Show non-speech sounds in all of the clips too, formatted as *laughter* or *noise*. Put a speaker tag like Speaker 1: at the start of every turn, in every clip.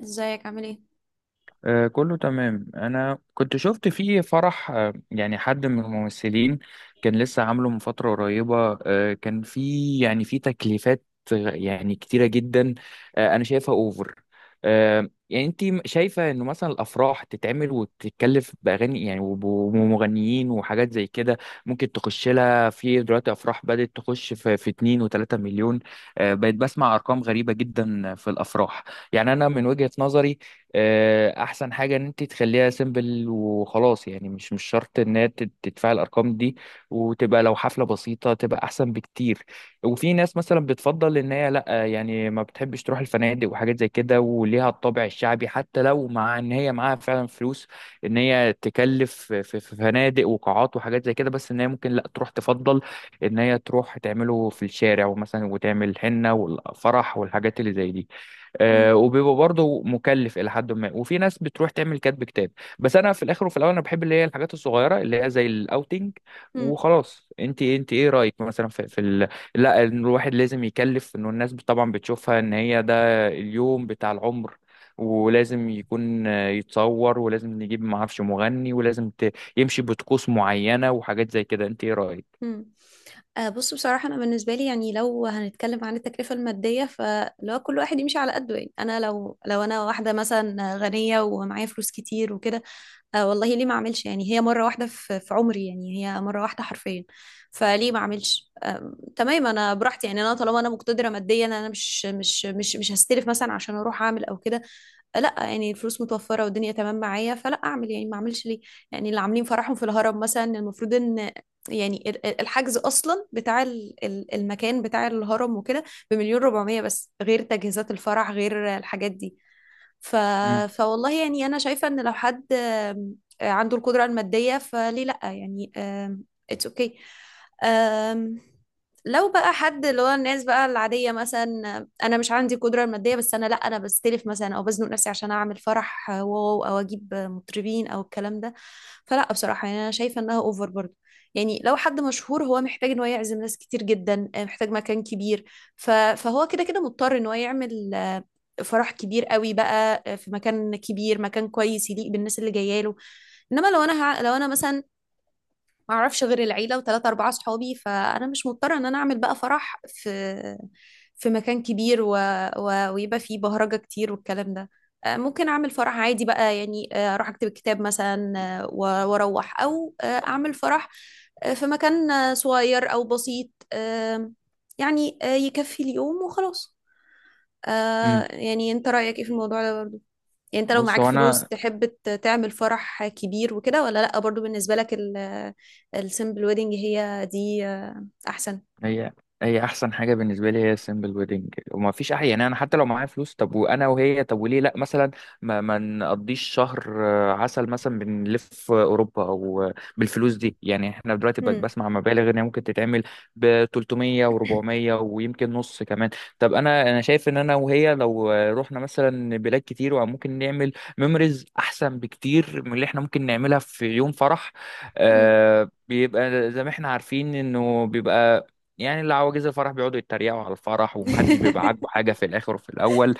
Speaker 1: ازيك عامل ايه؟
Speaker 2: آه، كله تمام. انا كنت شفت فيه فرح، يعني حد من الممثلين كان لسه عامله من فترة قريبة. كان فيه يعني فيه تكليفات يعني كتيرة جدا. انا شايفها اوفر. يعني انت شايفة انه مثلا الافراح تتعمل وتتكلف باغاني، يعني ومغنيين وحاجات زي كده ممكن تخش لها. في دلوقتي افراح بدأت تخش في 2 و3 مليون. بقيت بسمع ارقام غريبة جدا في الافراح. يعني انا من وجهة نظري، احسن حاجه ان انت تخليها سيمبل وخلاص. يعني مش شرط ان هي تدفع الارقام دي، وتبقى لو حفله بسيطه تبقى احسن بكتير. وفي ناس مثلا بتفضل ان هي لا، يعني ما بتحبش تروح الفنادق وحاجات زي كده، وليها الطابع الشعبي، حتى لو مع ان هي معاها فعلا فلوس، ان هي تكلف في فنادق وقاعات وحاجات زي كده، بس ان هي ممكن لا تروح، تفضل ان هي تروح تعمله في الشارع، ومثلا وتعمل الحنه والفرح والحاجات اللي زي دي.
Speaker 1: مم.
Speaker 2: وبيبقى برضه مكلف الى حد ما. وفي ناس بتروح تعمل كاتب كتاب. بس انا في الاخر وفي الاول انا بحب اللي هي الحاجات الصغيره اللي هي زي الاوتنج
Speaker 1: مم.
Speaker 2: وخلاص. انت ايه رايك مثلا لا، إن الواحد لازم يكلف، انه الناس طبعا بتشوفها ان هي ده اليوم بتاع العمر، ولازم يكون يتصور، ولازم نجيب معرفش مغني، ولازم يمشي بطقوس معينه وحاجات زي كده. انت ايه رايك؟
Speaker 1: مم. آه، بص، بصراحة أنا بالنسبة لي يعني لو هنتكلم عن التكلفة المادية فلو كل واحد يمشي على قده. يعني أنا لو أنا واحدة مثلا غنية ومعايا فلوس كتير وكده، آه والله ليه ما أعملش؟ يعني هي مرة واحدة في عمري، يعني هي مرة واحدة حرفيا. فليه ما أعملش؟ آه تمام، أنا براحتي. يعني أنا طالما أنا مقتدرة ماديا أنا مش هستلف مثلا عشان أروح أعمل أو كده. لا، يعني الفلوس متوفرة والدنيا تمام معايا، فلا اعمل، يعني ما اعملش ليه؟ يعني اللي عاملين فرحهم في الهرم مثلا، المفروض ان يعني الحجز اصلا بتاع المكان بتاع الهرم وكده بمليون ربعمية بس، غير تجهيزات الفرح، غير الحاجات دي. ف...
Speaker 2: مم.
Speaker 1: فوالله يعني أنا شايفة إن لو حد عنده القدرة المادية فليه لأ؟ يعني it's okay. آم، لو بقى حد اللي هو الناس بقى العادية، مثلا أنا مش عندي القدرة المادية، بس أنا لأ، أنا بستلف مثلا أو بزنق نفسي عشان أعمل فرح واو أو أجيب مطربين أو الكلام ده، فلأ بصراحة يعني أنا شايفة إنها أوفر برضه. يعني لو حد مشهور هو محتاج إن هو يعزم ناس كتير جدا، محتاج مكان كبير، فهو كده كده مضطر إن هو يعمل فرح كبير قوي بقى، في مكان كبير، مكان كويس يليق بالناس اللي جايه له. انما لو انا لو انا مثلا ما اعرفش غير العيله وثلاثه اربعه صحابي، فانا مش مضطره ان انا اعمل بقى فرح في في مكان كبير ويبقى فيه بهرجه كتير والكلام ده. ممكن اعمل فرح عادي بقى. يعني اروح اكتب كتاب مثلا، واروح او اعمل فرح في مكان صغير او بسيط. يعني يكفي اليوم وخلاص.
Speaker 2: مم.
Speaker 1: آه، يعني انت رأيك ايه في الموضوع ده برضو؟ يعني انت لو
Speaker 2: بص
Speaker 1: معاك
Speaker 2: هو
Speaker 1: فلوس
Speaker 2: انا،
Speaker 1: تحب تعمل فرح كبير وكده ولا لأ؟ برضو بالنسبة لك السيمبل ويدنج هي دي احسن.
Speaker 2: هي هي احسن حاجه بالنسبه لي، هي السيمبل ويدنج. وما فيش، احيانا يعني انا حتى لو معايا فلوس، طب وانا وهي، طب وليه لا مثلا ما نقضيش شهر عسل مثلا، بنلف اوروبا، او بالفلوس دي. يعني احنا دلوقتي بقت
Speaker 1: هم.
Speaker 2: بسمع مبالغ ان هي ممكن تتعمل ب 300 و400 ويمكن نص كمان. طب انا شايف ان انا وهي لو رحنا مثلا بلاد كتير، وممكن نعمل ميموريز احسن بكتير من اللي احنا ممكن نعملها في يوم فرح.
Speaker 1: هم.
Speaker 2: بيبقى زي ما احنا عارفين انه بيبقى، يعني اللي عواجيز الفرح بيقعدوا يتريقوا على الفرح، ومحدش بيبقى عاجبه
Speaker 1: *laughs*
Speaker 2: حاجه في الاخر وفي الاول.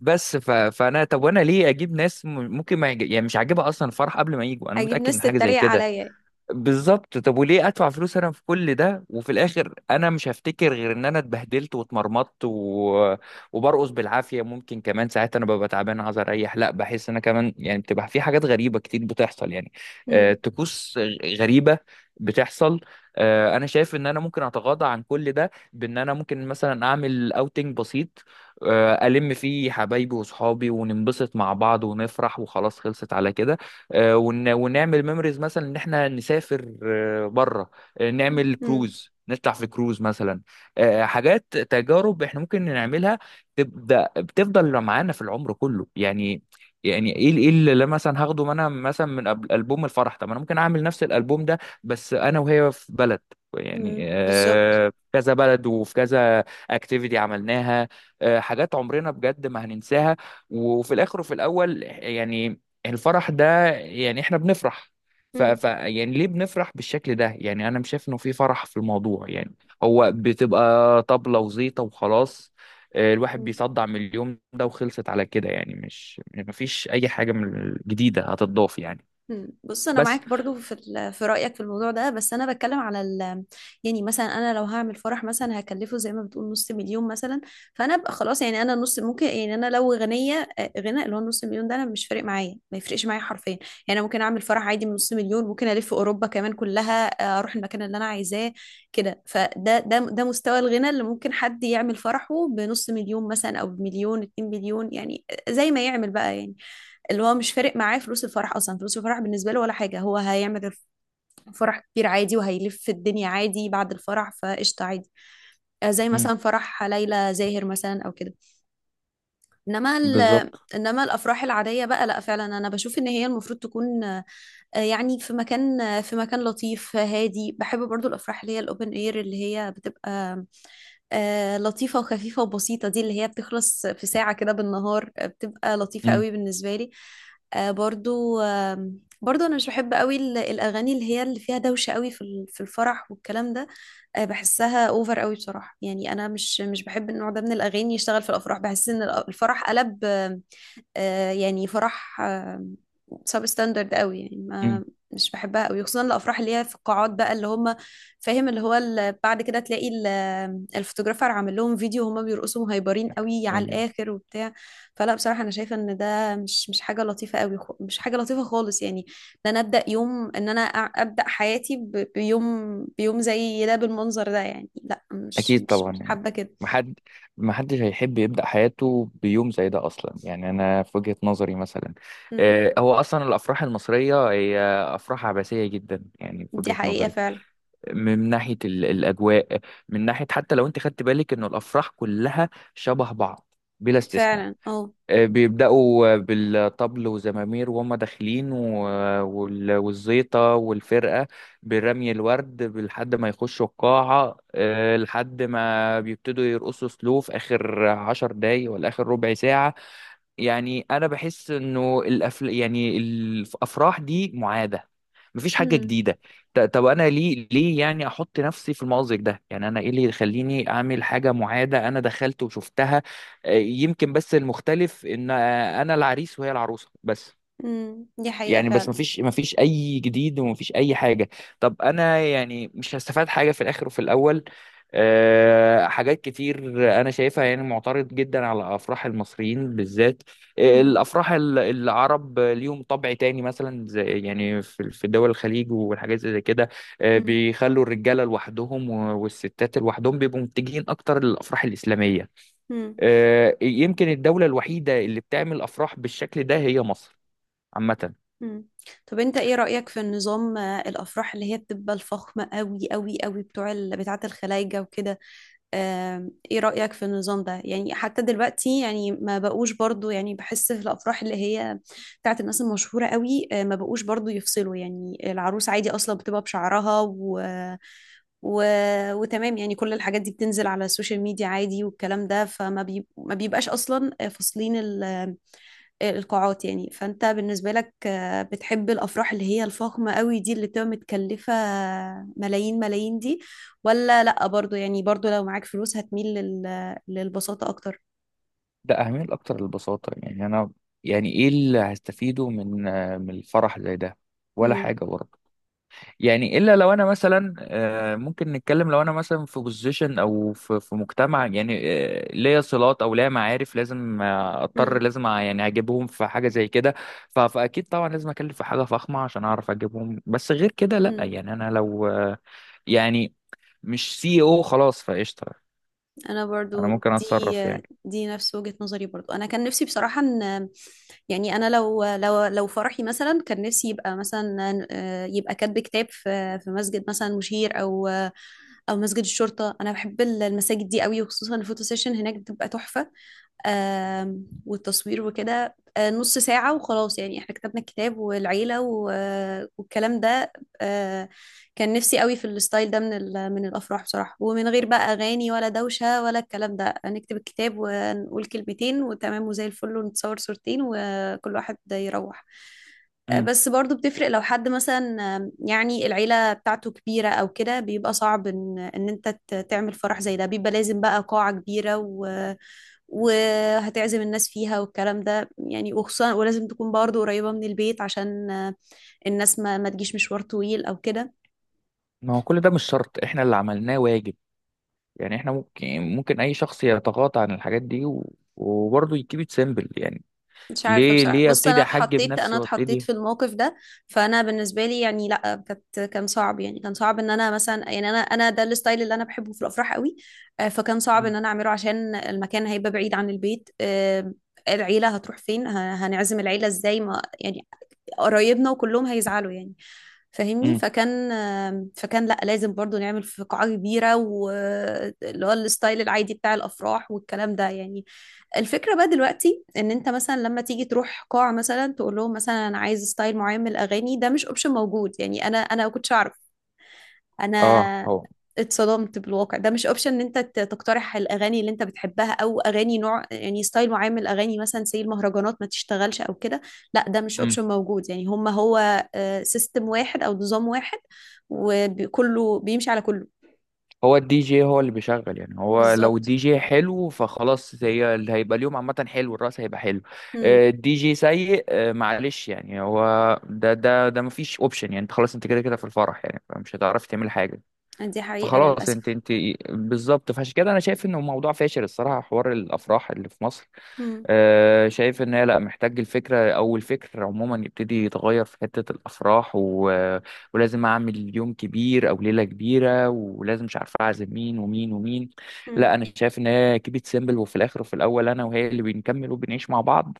Speaker 2: بس ف... فانا، طب وانا ليه اجيب ناس ممكن ما يج... يعني مش عاجبها اصلا الفرح قبل ما يجوا؟ انا
Speaker 1: اجيب
Speaker 2: متاكد
Speaker 1: ناس
Speaker 2: من حاجه زي
Speaker 1: تتريق
Speaker 2: كده.
Speaker 1: عليا يعني.
Speaker 2: بالظبط. طب وليه ادفع فلوس انا في كل ده، وفي الاخر انا مش هفتكر غير ان انا اتبهدلت واتمرمطت وبرقص بالعافيه. ممكن كمان ساعات انا ببقى تعبان عايز اريح، لا بحس ان انا كمان، يعني بتبقى في حاجات غريبه كتير بتحصل يعني.
Speaker 1: هم.
Speaker 2: طقوس غريبه بتحصل. انا شايف ان انا ممكن اتغاضى عن كل ده، بان انا ممكن مثلا اعمل اوتنج بسيط، الم فيه حبايبي واصحابي، وننبسط مع بعض ونفرح وخلاص، خلصت على كده. ونعمل ميموريز، مثلا ان احنا نسافر بره، نعمل
Speaker 1: هم.
Speaker 2: كروز، نطلع في كروز مثلا، حاجات، تجارب احنا ممكن نعملها تبدا بتفضل معانا في العمر كله. يعني يعني ايه اللي مثلا هاخده انا مثلا من البوم الفرح؟ طب انا ممكن اعمل نفس الالبوم ده بس انا وهي في بلد، يعني
Speaker 1: هم. بالظبط.
Speaker 2: في كذا بلد، وفي كذا اكتيفيتي عملناها، حاجات عمرنا بجد ما هننساها. وفي الاخر وفي الاول يعني، الفرح ده يعني احنا بنفرح؟ ف...
Speaker 1: هم.
Speaker 2: ف يعني ليه بنفرح بالشكل ده؟ يعني انا مش شايف انه في فرح في الموضوع يعني. هو بتبقى طبلة وزيطة وخلاص. الواحد
Speaker 1: هم.
Speaker 2: بيصدع من اليوم ده، وخلصت على كده. يعني مش، مفيش اي حاجة من الجديدة هتضاف يعني.
Speaker 1: مم. بص، انا
Speaker 2: بس.
Speaker 1: معاك برضو في في رايك في الموضوع ده، بس انا بتكلم على يعني مثلا انا لو هعمل فرح مثلا هكلفه زي ما بتقول نص مليون مثلا، فانا ابقى خلاص. يعني انا نص ممكن. يعني انا لو غنيه، غنى اللي هو نص مليون ده انا مش فارق معايا، ما يفرقش معايا حرفيا يعني. انا ممكن اعمل فرح عادي من نص مليون، ممكن الف اوروبا كمان كلها، اروح المكان اللي انا عايزاه كده. فده ده ده مستوى الغنى اللي ممكن حد يعمل فرحه بنص مليون مثلا او بمليون 2 مليون، يعني زي ما يعمل بقى. يعني اللي هو مش فارق معاه فلوس الفرح، اصلا فلوس الفرح بالنسبه له ولا حاجه. هو هيعمل فرح كتير عادي وهيلف الدنيا عادي بعد الفرح فقشطه عادي. زي
Speaker 2: مم.
Speaker 1: مثلا فرح ليلى زاهر مثلا او كده. انما ال-
Speaker 2: بالظبط.
Speaker 1: انما الافراح العاديه بقى، لا، فعلا انا بشوف ان هي المفروض تكون يعني في مكان، في مكان لطيف، هادي. بحب برضو الأفراح اللي هي الأوبن اير اللي هي بتبقى لطيفة وخفيفة وبسيطة. دي اللي هي بتخلص في ساعة كده بالنهار، بتبقى لطيفة
Speaker 2: مم.
Speaker 1: قوي بالنسبة لي. آه، برضو آه، برضو أنا مش بحب قوي الأغاني اللي هي اللي فيها دوشة قوي في في الفرح والكلام ده. بحسها اوفر قوي بصراحة. يعني أنا مش بحب النوع ده من الأغاني يشتغل في الأفراح. بحس إن الفرح قلب، يعني فرح سب ستاندرد قوي يعني. ما مش بحبها قوي، خصوصا الافراح اللي هي في القاعات بقى اللي هم فاهم اللي هو بعد كده تلاقي الفوتوغرافر عامل لهم فيديو وهم بيرقصوا مهيبرين قوي على
Speaker 2: مم.
Speaker 1: الاخر وبتاع. فلا، بصراحه انا شايفه ان ده مش حاجه لطيفه قوي، مش حاجه لطيفه خالص يعني. ان انا ابدا يوم ان انا ابدا حياتي بيوم، بيوم زي ده بالمنظر ده، يعني لا، مش
Speaker 2: اكيد
Speaker 1: مش
Speaker 2: طبعا
Speaker 1: مش
Speaker 2: يعني،
Speaker 1: حابه كده.
Speaker 2: محد محدش هيحب يبدا حياته بيوم زي ده اصلا. يعني انا في وجهه نظري مثلا،
Speaker 1: مم.
Speaker 2: هو اصلا الافراح المصريه هي افراح عباسيه جدا، يعني في
Speaker 1: دي
Speaker 2: وجهه
Speaker 1: حقيقه
Speaker 2: نظري،
Speaker 1: فعلا.
Speaker 2: من ناحيه الاجواء، من ناحيه حتى لو انت خدت بالك انه الافراح كلها شبه بعض بلا استثناء.
Speaker 1: فعلا اه.
Speaker 2: بيبدأوا بالطبل وزمامير وهم داخلين والزيطة والفرقة برمي الورد لحد ما يخشوا القاعة، لحد ما بيبتدوا يرقصوا سلو في آخر 10 دقايق، ولا آخر ربع ساعة. يعني انا بحس انه يعني الافراح دي معاده، مفيش حاجه
Speaker 1: مم.
Speaker 2: جديده. طب انا ليه يعني احط نفسي في المأزق ده؟ يعني انا ايه اللي يخليني اعمل حاجه معاده، انا دخلت وشفتها. يمكن بس المختلف ان انا العريس وهي العروسه بس.
Speaker 1: مم. دي حقيقه
Speaker 2: يعني بس
Speaker 1: فعلا.
Speaker 2: مفيش اي جديد، ومفيش اي حاجه. طب انا يعني مش هستفاد حاجه في الاخر وفي الاول. أه، حاجات كتير انا شايفها. يعني معترض جدا على افراح المصريين بالذات.
Speaker 1: مم.
Speaker 2: الافراح العرب ليهم طبع تاني، مثلا زي يعني في دول الخليج والحاجات زي كده.
Speaker 1: مم.
Speaker 2: بيخلوا الرجاله لوحدهم والستات لوحدهم، بيبقوا متجهين اكتر للافراح الاسلاميه.
Speaker 1: مم.
Speaker 2: أه يمكن الدوله الوحيده اللي بتعمل افراح بالشكل ده هي مصر عامة.
Speaker 1: مم. طب انت ايه رأيك في النظام، الافراح اللي هي بتبقى الفخمة قوي قوي قوي بتوع بتاعة الخلايجة وكده؟ ايه رأيك في النظام ده؟ يعني حتى دلوقتي يعني ما بقوش برضو. يعني بحس في الافراح اللي هي بتاعة الناس المشهورة قوي، ما بقوش برضو يفصلوا. يعني العروس عادي اصلا بتبقى بشعرها و... وتمام. يعني كل الحاجات دي بتنزل على السوشيال ميديا عادي والكلام ده، ما بيبقاش اصلا فاصلين القاعات يعني. فانت بالنسبة لك بتحب الافراح اللي هي الفخمة قوي دي اللي بتبقى متكلفة ملايين ملايين دي، ولا لا؟ برضو يعني برضو لو معاك فلوس هتميل للبساطة اكتر.
Speaker 2: ده أهمية الأكتر للبساطة يعني أنا. يعني إيه اللي هستفيده من من الفرح زي ده؟ ولا
Speaker 1: امم.
Speaker 2: حاجة برضه. يعني إلا لو أنا مثلا، ممكن نتكلم، لو أنا مثلا في بوزيشن أو في مجتمع يعني، ليا صلات أو ليا معارف، لازم أضطر،
Speaker 1: امم.
Speaker 2: لازم يعني أجيبهم في حاجة زي كده. فأكيد طبعا لازم أكلف في حاجة فخمة عشان أعرف أجيبهم. بس غير كده لأ.
Speaker 1: امم.
Speaker 2: يعني أنا لو يعني مش سي او خلاص فقشطة.
Speaker 1: انا
Speaker 2: أنا
Speaker 1: برضو.
Speaker 2: ممكن
Speaker 1: دي،
Speaker 2: أتصرف يعني.
Speaker 1: دي نفس وجهة نظري برضو. انا كان نفسي بصراحة ان يعني انا لو فرحي مثلا كان نفسي يبقى مثلا، يبقى كاتب كتاب في في مسجد مثلا، مشير او او مسجد الشرطة. انا بحب المساجد دي قوي، وخصوصا الفوتو سيشن هناك بتبقى تحفة. والتصوير وكده نص ساعة وخلاص. يعني احنا كتبنا الكتاب والعيلة والكلام ده. آه، كان نفسي قوي في الستايل ده من من الأفراح بصراحة، ومن غير بقى أغاني ولا دوشة ولا الكلام ده. نكتب الكتاب ونقول كلمتين وتمام وزي الفل ونتصور صورتين وكل واحد يروح. بس برضو بتفرق لو حد مثلا، يعني العيلة بتاعته كبيرة أو كده، بيبقى صعب إن أنت تعمل فرح زي ده. بيبقى لازم بقى قاعة كبيرة وهتعزم الناس فيها والكلام ده يعني، وخصوصا ولازم تكون برضه قريبة من البيت عشان الناس ما تجيش مشوار طويل او كده.
Speaker 2: ما هو كل ده مش شرط، احنا اللي عملناه واجب. يعني احنا ممكن اي شخص يتغاضى عن الحاجات دي وبرضه يكيب ات سيمبل يعني.
Speaker 1: مش عارفة
Speaker 2: ليه
Speaker 1: بصراحة.
Speaker 2: ليه
Speaker 1: بص، انا
Speaker 2: ابتدي احجب
Speaker 1: اتحطيت انا
Speaker 2: نفسي
Speaker 1: اتحطيت
Speaker 2: وابتدي؟
Speaker 1: في الموقف ده. فانا بالنسبة لي يعني لا، كان صعب. يعني كان صعب ان انا مثلا، يعني انا ده الستايل اللي انا بحبه في الافراح قوي، فكان صعب
Speaker 2: مم.
Speaker 1: ان انا اعمله عشان المكان هيبقى بعيد عن البيت. العيلة هتروح فين؟ هنعزم العيلة ازاي؟ ما يعني قرايبنا وكلهم هيزعلوا يعني. فاهمني؟
Speaker 2: مم.
Speaker 1: فكان لا، لازم برضو نعمل في قاعة كبيرة، واللي هو الستايل العادي بتاع الأفراح والكلام ده يعني. الفكرة بقى دلوقتي ان انت مثلا لما تيجي تروح قاعة مثلا تقول لهم مثلا انا عايز ستايل معين من الأغاني، ده مش اوبشن موجود. يعني انا ما كنتش اعرف.
Speaker 2: اه
Speaker 1: انا
Speaker 2: هو.
Speaker 1: اتصدمت بالواقع. ده مش اوبشن ان انت تقترح الاغاني اللي انت بتحبها، او اغاني نوع، يعني ستايل معين من الاغاني، مثلا زي المهرجانات ما تشتغلش او كده، لا، ده مش
Speaker 2: مم.
Speaker 1: اوبشن موجود. يعني هما هو سيستم واحد او نظام واحد، وكله بيمشي على كله.
Speaker 2: هو الدي جي هو اللي بيشغل يعني. هو لو
Speaker 1: بالظبط.
Speaker 2: الدي جي حلو فخلاص، هي اللي هيبقى اليوم، عامة حلو، الرأس هيبقى حلو.
Speaker 1: امم.
Speaker 2: الدي جي سيء، معلش يعني. هو ده مفيش اوبشن يعني. انت خلاص، انت كده كده في الفرح، يعني فمش هتعرفي تعملي حاجة.
Speaker 1: دي حقيقة
Speaker 2: فخلاص، انت
Speaker 1: للاسف.
Speaker 2: انت بالظبط. فعشان كده انا شايف انه موضوع فاشل الصراحه، حوار الافراح اللي في مصر.
Speaker 1: امم.
Speaker 2: شايف ان هي لا، محتاج الفكره او الفكر عموما يبتدي يتغير في حته الافراح ولازم اعمل يوم كبير او ليله كبيره، ولازم مش عارف اعزم مين ومين ومين. لا انا شايف ان هي كيبت سيمبل، وفي الاخر وفي الاول انا وهي اللي بنكمل وبنعيش مع بعض،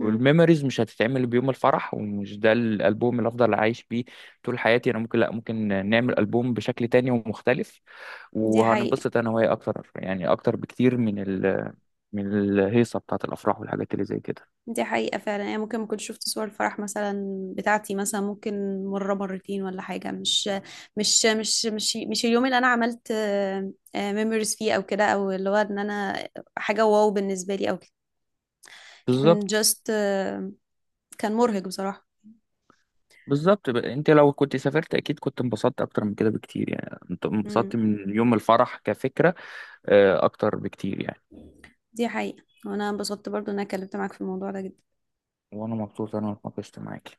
Speaker 1: امم.
Speaker 2: مش هتتعمل بيوم الفرح، ومش ده الالبوم اللي افضل عايش بيه طول حياتي. انا ممكن، لا، ممكن نعمل البوم بشكل تاني ومختلف،
Speaker 1: دي حقيقة.
Speaker 2: وهننبسط انا وهي اكتر يعني، اكتر بكتير من من الهيصة بتاعت الأفراح والحاجات اللي زي كده.
Speaker 1: دي حقيقة فعلا. يعني ممكن ما كنتش شفت صور الفرح مثلا بتاعتي، مثلا ممكن مرة مرتين ولا حاجة. مش اليوم اللي أنا عملت ميموريز فيه أو كده، أو اللي هو إن أنا حاجة واو بالنسبة لي أو كده. كان
Speaker 2: بالظبط.
Speaker 1: جاست، كان مرهق بصراحة.
Speaker 2: بالظبط بقى. أنت لو كنت سافرت، أكيد كنت انبسطت أكتر من كده بكتير. يعني أنت
Speaker 1: مم.
Speaker 2: انبسطت من يوم الفرح كفكرة، أكتر بكتير يعني.
Speaker 1: دي حقيقة، وأنا انبسطت برضو إن أنا اتكلمت معاك في الموضوع ده جدا.
Speaker 2: وأنا مبسوط أنا اتناقشت معاك.